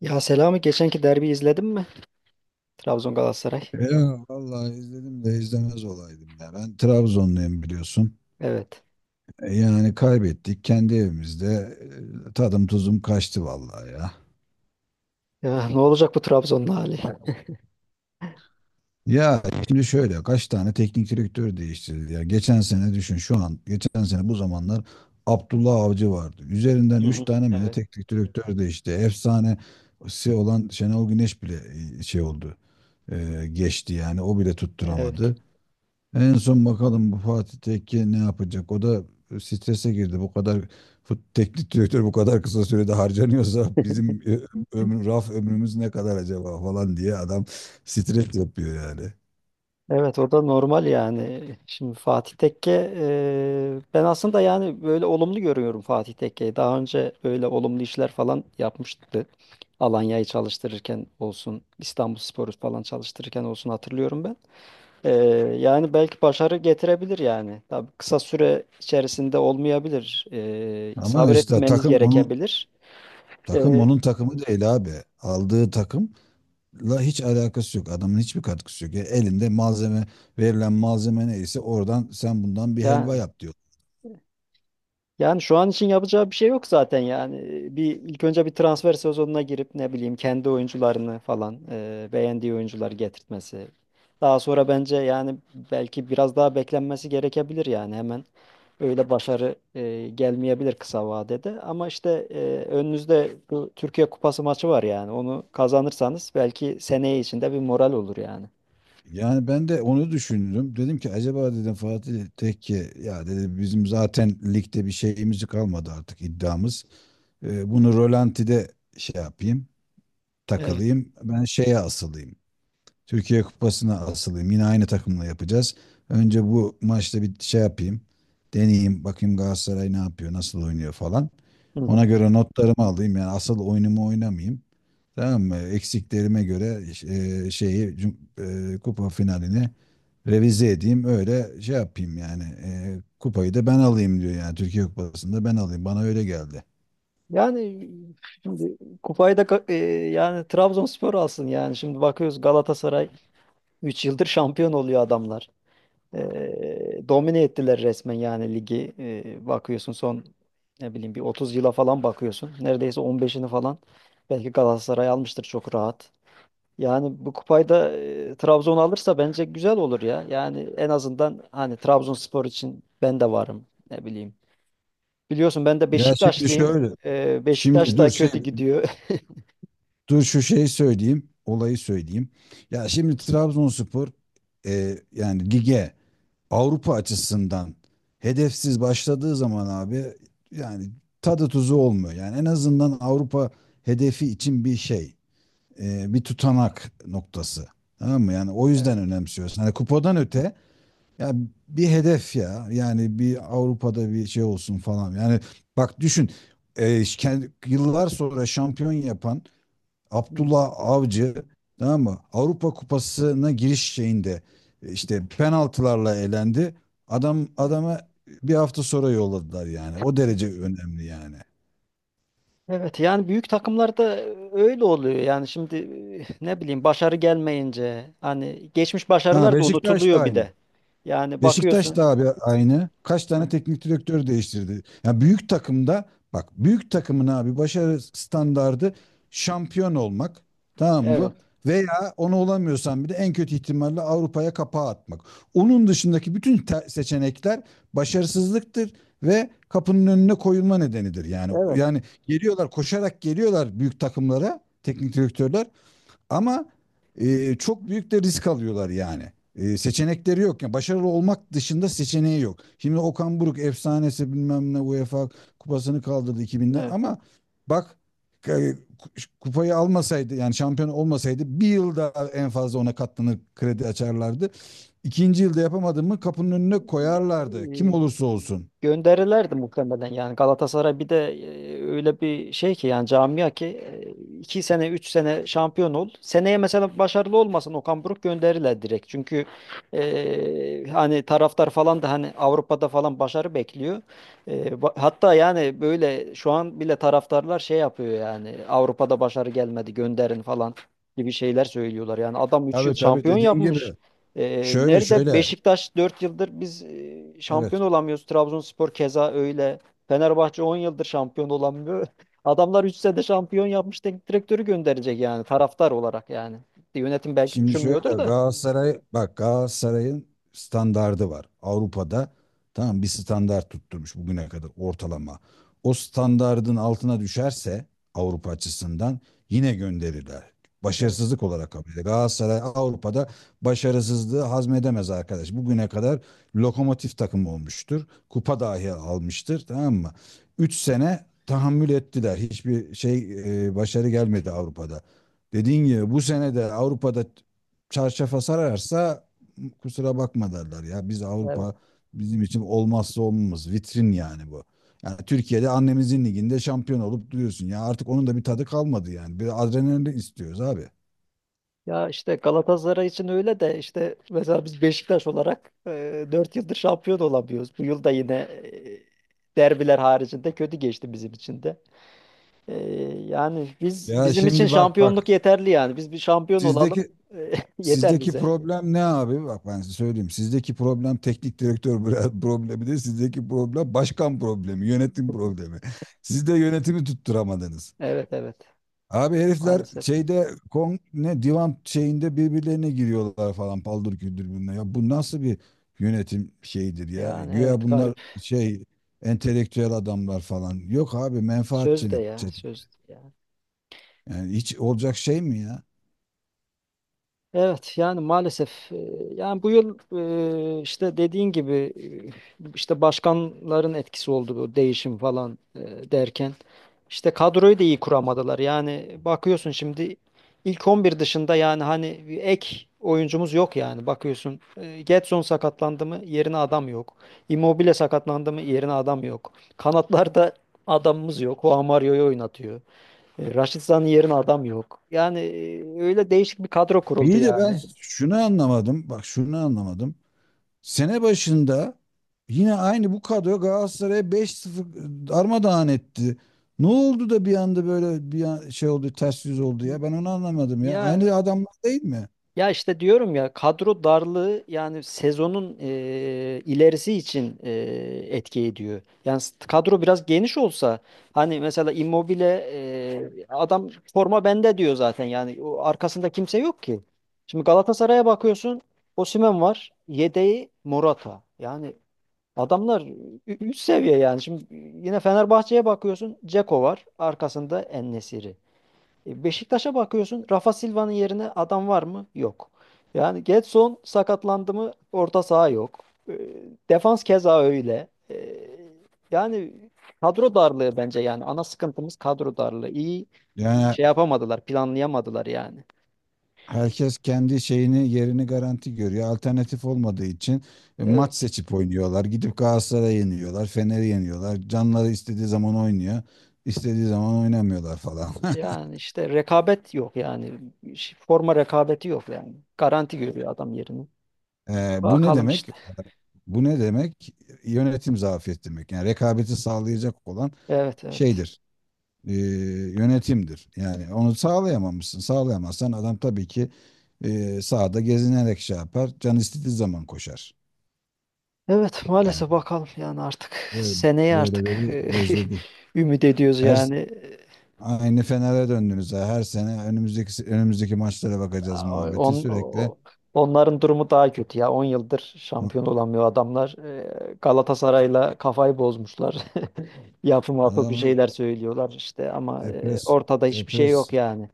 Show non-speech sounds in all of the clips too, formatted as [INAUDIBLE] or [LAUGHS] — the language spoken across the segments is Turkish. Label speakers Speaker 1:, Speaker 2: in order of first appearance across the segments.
Speaker 1: Ya Selami geçenki derbi izledin mi? Trabzon Galatasaray.
Speaker 2: Ya vallahi izledim de izlemez olaydım ya. Ben Trabzonluyum biliyorsun.
Speaker 1: Evet.
Speaker 2: Yani kaybettik kendi evimizde. Tadım tuzum kaçtı vallahi ya.
Speaker 1: Ya ne olacak bu Trabzon'un hali?
Speaker 2: Ya şimdi şöyle kaç tane teknik direktör değiştirildi ya. Geçen sene düşün şu an geçen sene bu zamanlar Abdullah Avcı vardı. Üzerinden
Speaker 1: Hı
Speaker 2: 3
Speaker 1: hı.
Speaker 2: tane mi ne
Speaker 1: Evet.
Speaker 2: teknik direktör değişti. Efsanesi olan Şenol Güneş bile şey oldu. Geçti yani o bile
Speaker 1: Evet.
Speaker 2: tutturamadı. En son bakalım bu Fatih Tekke ne yapacak? O da strese girdi. Bu kadar teknik direktör bu kadar kısa sürede harcanıyorsa bizim ömür, raf ömrümüz ne kadar acaba falan diye adam stres yapıyor yani.
Speaker 1: Evet o da normal yani. Şimdi Fatih Tekke ben aslında yani böyle olumlu görüyorum Fatih Tekke'yi. Daha önce böyle olumlu işler falan yapmıştı. Alanya'yı çalıştırırken olsun, İstanbulspor'u falan çalıştırırken olsun hatırlıyorum ben. Ee, yani belki başarı getirebilir yani. Tabii kısa süre içerisinde olmayabilir.
Speaker 2: Ama işte
Speaker 1: Sabretmeniz
Speaker 2: takım onun
Speaker 1: gerekebilir.
Speaker 2: takım
Speaker 1: Ee,
Speaker 2: onun takımı değil abi. Aldığı takımla hiç alakası yok. Adamın hiçbir katkısı yok. Ya elinde malzeme verilen malzeme neyse oradan sen bundan bir helva
Speaker 1: yani.
Speaker 2: yap diyor.
Speaker 1: Yani şu an için yapacağı bir şey yok zaten yani. Bir ilk önce bir transfer sezonuna girip ne bileyim kendi oyuncularını falan beğendiği oyuncular getirtmesi. Daha sonra bence yani belki biraz daha beklenmesi gerekebilir yani hemen öyle başarı gelmeyebilir kısa vadede. Ama işte önünüzde bu Türkiye Kupası maçı var yani onu kazanırsanız belki seneye içinde bir moral olur yani.
Speaker 2: Yani ben de onu düşündüm. Dedim ki acaba dedim Fatih Tekke ya dedi bizim zaten ligde bir şeyimiz kalmadı artık iddiamız. Bunu rolantide şey yapayım,
Speaker 1: Evet.
Speaker 2: takılayım. Ben şeye asılayım. Türkiye Kupası'na asılayım. Yine aynı takımla yapacağız. Önce bu maçta bir şey yapayım. Deneyeyim bakayım Galatasaray ne yapıyor, nasıl oynuyor falan.
Speaker 1: Hı hı.
Speaker 2: Ona göre notlarımı alayım. Yani asıl oyunumu oynamayayım. Tamam mı? Eksiklerime göre kupa finalini revize edeyim. Öyle şey yapayım yani. Kupayı da ben alayım diyor yani. Türkiye kupasında ben alayım. Bana öyle geldi.
Speaker 1: Yani şimdi kupayı da yani Trabzonspor alsın yani. Şimdi bakıyoruz Galatasaray 3 yıldır şampiyon oluyor adamlar. Domine ettiler resmen yani ligi. Bakıyorsun son ne bileyim bir 30 yıla falan bakıyorsun. Neredeyse 15'ini falan belki Galatasaray almıştır çok rahat. Yani bu kupayı da Trabzon alırsa bence güzel olur ya. Yani en azından hani Trabzonspor için ben de varım ne bileyim. Biliyorsun ben de
Speaker 2: Ya şimdi
Speaker 1: Beşiktaşlıyım.
Speaker 2: şöyle. Şimdi
Speaker 1: Beşiktaş
Speaker 2: dur
Speaker 1: da
Speaker 2: şey
Speaker 1: kötü gidiyor. [LAUGHS]
Speaker 2: dur şu şeyi söyleyeyim. Olayı söyleyeyim. Ya şimdi Trabzonspor yani lige Avrupa açısından hedefsiz başladığı zaman abi yani tadı tuzu olmuyor. Yani en azından Avrupa hedefi için bir şey. Bir tutanak noktası. Tamam mı? Yani o yüzden
Speaker 1: Evet.
Speaker 2: önemsiyorsun. Hani kupadan öte ya bir hedef ya. Yani bir Avrupa'da bir şey olsun falan. Yani bak düşün. Yıllar sonra şampiyon yapan
Speaker 1: Hı
Speaker 2: Abdullah Avcı tamam mı? Avrupa Kupası'na giriş şeyinde işte penaltılarla elendi. Adam
Speaker 1: hı. [LAUGHS]
Speaker 2: adama bir hafta sonra yolladılar yani. O derece önemli yani.
Speaker 1: Evet yani büyük takımlarda öyle oluyor yani şimdi ne bileyim başarı gelmeyince hani geçmiş
Speaker 2: Ha,
Speaker 1: başarılar da
Speaker 2: Beşiktaş da
Speaker 1: unutuluyor bir
Speaker 2: aynı.
Speaker 1: de. Yani
Speaker 2: Beşiktaş
Speaker 1: bakıyorsun.
Speaker 2: da abi aynı. Kaç tane
Speaker 1: Heh.
Speaker 2: teknik direktör değiştirdi. Yani büyük takımda bak büyük takımın abi başarı standardı şampiyon olmak. Tamam mı?
Speaker 1: Evet.
Speaker 2: Veya onu olamıyorsan bile en kötü ihtimalle Avrupa'ya kapağı atmak. Onun dışındaki bütün seçenekler başarısızlıktır ve kapının önüne koyulma nedenidir. Yani
Speaker 1: Evet.
Speaker 2: yani geliyorlar koşarak geliyorlar büyük takımlara teknik direktörler ama çok büyük de risk alıyorlar yani. Seçenekleri yok. Yani başarılı olmak dışında seçeneği yok. Şimdi Okan Buruk efsanesi bilmem ne UEFA kupasını kaldırdı 2000'de
Speaker 1: Evet.
Speaker 2: ama bak e, kupayı almasaydı yani şampiyon olmasaydı bir yıl daha en fazla ona katlanır kredi açarlardı. İkinci yılda yapamadı mı kapının önüne
Speaker 1: Ya,
Speaker 2: koyarlardı. Kim olursa olsun.
Speaker 1: gönderirlerdi muhtemelen yani Galatasaray bir de öyle bir şey ki yani camia ki iki sene üç sene şampiyon ol. Seneye mesela başarılı olmasın Okan Buruk gönderirler direkt. Çünkü hani taraftar falan da hani Avrupa'da falan başarı bekliyor. Hatta yani böyle şu an bile taraftarlar şey yapıyor yani Avrupa'da başarı gelmedi gönderin falan gibi şeyler söylüyorlar. Yani adam üç yıl
Speaker 2: Tabii tabii
Speaker 1: şampiyon
Speaker 2: dediğin gibi.
Speaker 1: yapmış.
Speaker 2: Şöyle
Speaker 1: Nerede
Speaker 2: şöyle.
Speaker 1: Beşiktaş 4 yıldır biz şampiyon
Speaker 2: Evet.
Speaker 1: olamıyoruz. Trabzonspor keza öyle. Fenerbahçe 10 yıldır şampiyon olamıyor. [LAUGHS] Adamlar 3 senede şampiyon yapmış teknik direktörü gönderecek yani taraftar olarak yani. Yönetim belki
Speaker 2: Şimdi şöyle
Speaker 1: düşünmüyordur da.
Speaker 2: Galatasaray bak Galatasaray'ın standardı var. Avrupa'da tamam bir standart tutturmuş bugüne kadar ortalama. O standardın altına düşerse Avrupa açısından yine gönderirler.
Speaker 1: Evet,
Speaker 2: Başarısızlık olarak kabul edilir. Galatasaray Avrupa'da başarısızlığı hazmedemez arkadaş. Bugüne kadar lokomotif takım olmuştur. Kupa dahi almıştır tamam mı? 3 sene tahammül ettiler. Hiçbir şey başarı gelmedi Avrupa'da. Dediğin gibi bu sene de Avrupa'da çarşafa sararsa kusura bakma derler ya. Biz
Speaker 1: evet.
Speaker 2: Avrupa bizim için olmazsa olmamız vitrin yani bu. Yani Türkiye'de annemizin liginde şampiyon olup duruyorsun. Ya artık onun da bir tadı kalmadı yani. Bir adrenalin istiyoruz abi.
Speaker 1: Ya işte Galatasaray için öyle de işte mesela biz Beşiktaş olarak 4 yıldır şampiyon olamıyoruz. Bu yıl da yine derbiler haricinde kötü geçti bizim için de. Ee, yani biz
Speaker 2: Ya
Speaker 1: bizim için
Speaker 2: şimdi bak bak
Speaker 1: şampiyonluk yeterli yani. Biz bir şampiyon olalım.
Speaker 2: sizdeki
Speaker 1: Ee, [LAUGHS] yeter
Speaker 2: sizdeki
Speaker 1: bize.
Speaker 2: problem ne abi? Bak ben size söyleyeyim. Sizdeki problem teknik direktör [LAUGHS] problemi değil sizdeki problem başkan problemi, yönetim problemi. Siz de yönetimi tutturamadınız.
Speaker 1: Evet evet.
Speaker 2: Abi herifler
Speaker 1: Maalesef.
Speaker 2: şeyde kon ne divan şeyinde birbirlerine giriyorlar falan paldır küldür bilmem. Ya bu nasıl bir yönetim şeyidir ya?
Speaker 1: Yani
Speaker 2: Güya
Speaker 1: evet
Speaker 2: bunlar
Speaker 1: garip.
Speaker 2: şey entelektüel adamlar falan. Yok abi menfaat
Speaker 1: Söz de ya
Speaker 2: çetesi.
Speaker 1: söz.
Speaker 2: Yani hiç olacak şey mi ya?
Speaker 1: Evet yani maalesef yani bu yıl işte dediğin gibi işte başkanların etkisi oldu bu değişim falan derken işte kadroyu da iyi kuramadılar. Yani bakıyorsun şimdi ilk 11 dışında yani hani bir ek oyuncumuz yok yani bakıyorsun. Gedson sakatlandı mı yerine adam yok. Immobile sakatlandı mı yerine adam yok. Kanatlarda adamımız yok. O Mario'yu oynatıyor. Raşit Zan'ın yerine adam yok. Yani öyle değişik bir kadro kuruldu
Speaker 2: İyi de ben
Speaker 1: yani.
Speaker 2: şunu anlamadım. Bak şunu anlamadım. Sene başında yine aynı bu kadro Galatasaray'a 5-0 darmadağın etti. Ne oldu da bir anda böyle şey oldu, ters yüz oldu ya? Ben onu anlamadım ya.
Speaker 1: Ya
Speaker 2: Aynı adamlar değil mi?
Speaker 1: ya işte diyorum ya kadro darlığı yani sezonun ilerisi için etki ediyor. Kadro biraz geniş olsa hani mesela Immobile adam forma bende diyor zaten yani o arkasında kimse yok ki. Şimdi Galatasaray'a bakıyorsun Osimhen var yedeği Morata. Yani adamlar 3 seviye yani. Şimdi yine Fenerbahçe'ye bakıyorsun. Ceko var. Arkasında En-Nesyri. Beşiktaş'a bakıyorsun. Rafa Silva'nın yerine adam var mı? Yok. Yani Gedson sakatlandı mı? Orta saha yok. Defans keza öyle. Yani kadro darlığı bence yani. Ana sıkıntımız kadro darlığı. İyi
Speaker 2: Yani
Speaker 1: şey yapamadılar, planlayamadılar yani.
Speaker 2: herkes kendi şeyini, yerini garanti görüyor. Alternatif olmadığı için maç
Speaker 1: Evet.
Speaker 2: seçip oynuyorlar. Gidip Galatasaray'ı yeniyorlar, Fener'i yeniyorlar. Canları istediği zaman oynuyor, istediği zaman oynamıyorlar falan. [LAUGHS]
Speaker 1: Yani işte rekabet yok yani. Forma rekabeti yok yani. Garanti görüyor adam yerini.
Speaker 2: Bu ne
Speaker 1: Bakalım
Speaker 2: demek?
Speaker 1: işte.
Speaker 2: Bu ne demek? Yönetim zafiyeti demek. Yani rekabeti sağlayacak olan
Speaker 1: Evet evet.
Speaker 2: şeydir, e, yönetimdir. Yani onu sağlayamamışsın. Sağlayamazsan adam tabii ki sahada gezinerek şey yapar. Can istediği zaman koşar.
Speaker 1: Evet
Speaker 2: Yani
Speaker 1: maalesef bakalım yani artık
Speaker 2: böyle
Speaker 1: seneye artık
Speaker 2: böyleleri özledik.
Speaker 1: [LAUGHS] ümit ediyoruz
Speaker 2: Her s-
Speaker 1: yani.
Speaker 2: Aynı Fener'e döndünüz. Ha. Her sene önümüzdeki maçlara bakacağız muhabbeti
Speaker 1: On,
Speaker 2: sürekli.
Speaker 1: o- onların durumu daha kötü ya. On yıldır
Speaker 2: A-
Speaker 1: şampiyon olamıyor adamlar. Galatasaray'la kafayı bozmuşlar. [LAUGHS] Yapı mapı bir
Speaker 2: Adamlar
Speaker 1: şeyler söylüyorlar işte ama
Speaker 2: depres
Speaker 1: ortada hiçbir şey
Speaker 2: depres
Speaker 1: yok yani.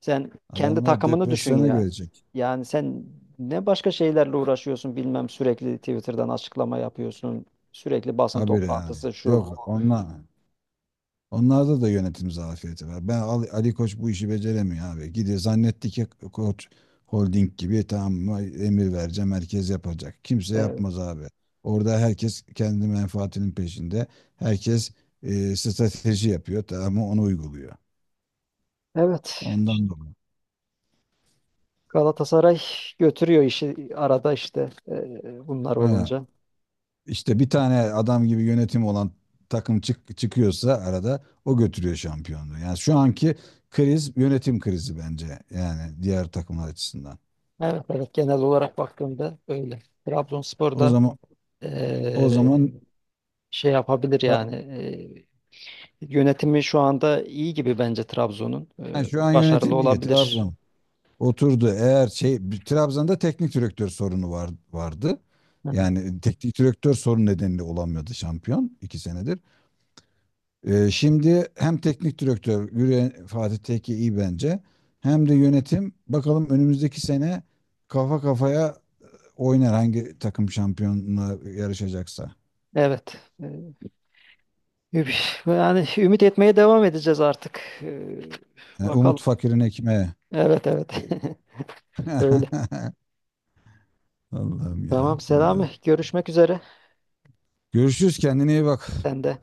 Speaker 1: Sen kendi takımını düşün
Speaker 2: depresyona
Speaker 1: ya.
Speaker 2: gelecek.
Speaker 1: Yani sen ne başka şeylerle uğraşıyorsun bilmem sürekli Twitter'dan açıklama yapıyorsun. Sürekli basın
Speaker 2: Habire yani.
Speaker 1: toplantısı şu bu.
Speaker 2: Yok onlar. Onlarda da yönetim zafiyeti var. Ben Ali Koç bu işi beceremiyor abi. Gidiyor zannetti ki Koç Holding gibi tamam mı, emir vereceğim herkes yapacak. Kimse
Speaker 1: Evet.
Speaker 2: yapmaz abi. Orada herkes kendi menfaatinin peşinde. Herkes strateji yapıyor tamam mı onu uyguluyor.
Speaker 1: Evet.
Speaker 2: Ondan dolayı.
Speaker 1: Galatasaray götürüyor işi arada işte bunlar
Speaker 2: Ha,
Speaker 1: olunca.
Speaker 2: işte bir tane adam gibi yönetim olan takım çıkıyorsa arada o götürüyor şampiyonluğu. Yani şu anki kriz yönetim krizi bence yani diğer takımlar açısından.
Speaker 1: Evet, evet genel olarak baktığımda öyle.
Speaker 2: O
Speaker 1: Trabzonspor'da
Speaker 2: zaman O
Speaker 1: eee,
Speaker 2: zaman
Speaker 1: şey yapabilir yani yönetimi şu anda iyi gibi bence Trabzon'un.
Speaker 2: ha, şu an
Speaker 1: Evet. Başarılı
Speaker 2: yönetimi iyi.
Speaker 1: olabilir.
Speaker 2: Trabzon oturdu. Eğer Trabzon'da teknik direktör sorunu var, vardı.
Speaker 1: Hı hı.
Speaker 2: Yani teknik direktör sorun nedeniyle olamıyordu şampiyon 2 senedir. Şimdi hem teknik direktör Yürüyen Fatih Tekke iyi bence. Hem de yönetim bakalım önümüzdeki sene kafa kafaya oynar hangi takım şampiyonla yarışacaksa.
Speaker 1: Evet. Yani ümit etmeye devam edeceğiz artık.
Speaker 2: Yani
Speaker 1: Bakalım.
Speaker 2: Umut Fakir'in ekmeği.
Speaker 1: Evet evet. [LAUGHS] Öyle.
Speaker 2: [LAUGHS] Allah'ım
Speaker 1: Tamam
Speaker 2: yarabbim ya.
Speaker 1: Selami görüşmek üzere.
Speaker 2: Görüşürüz kendine iyi bak.
Speaker 1: Sen de.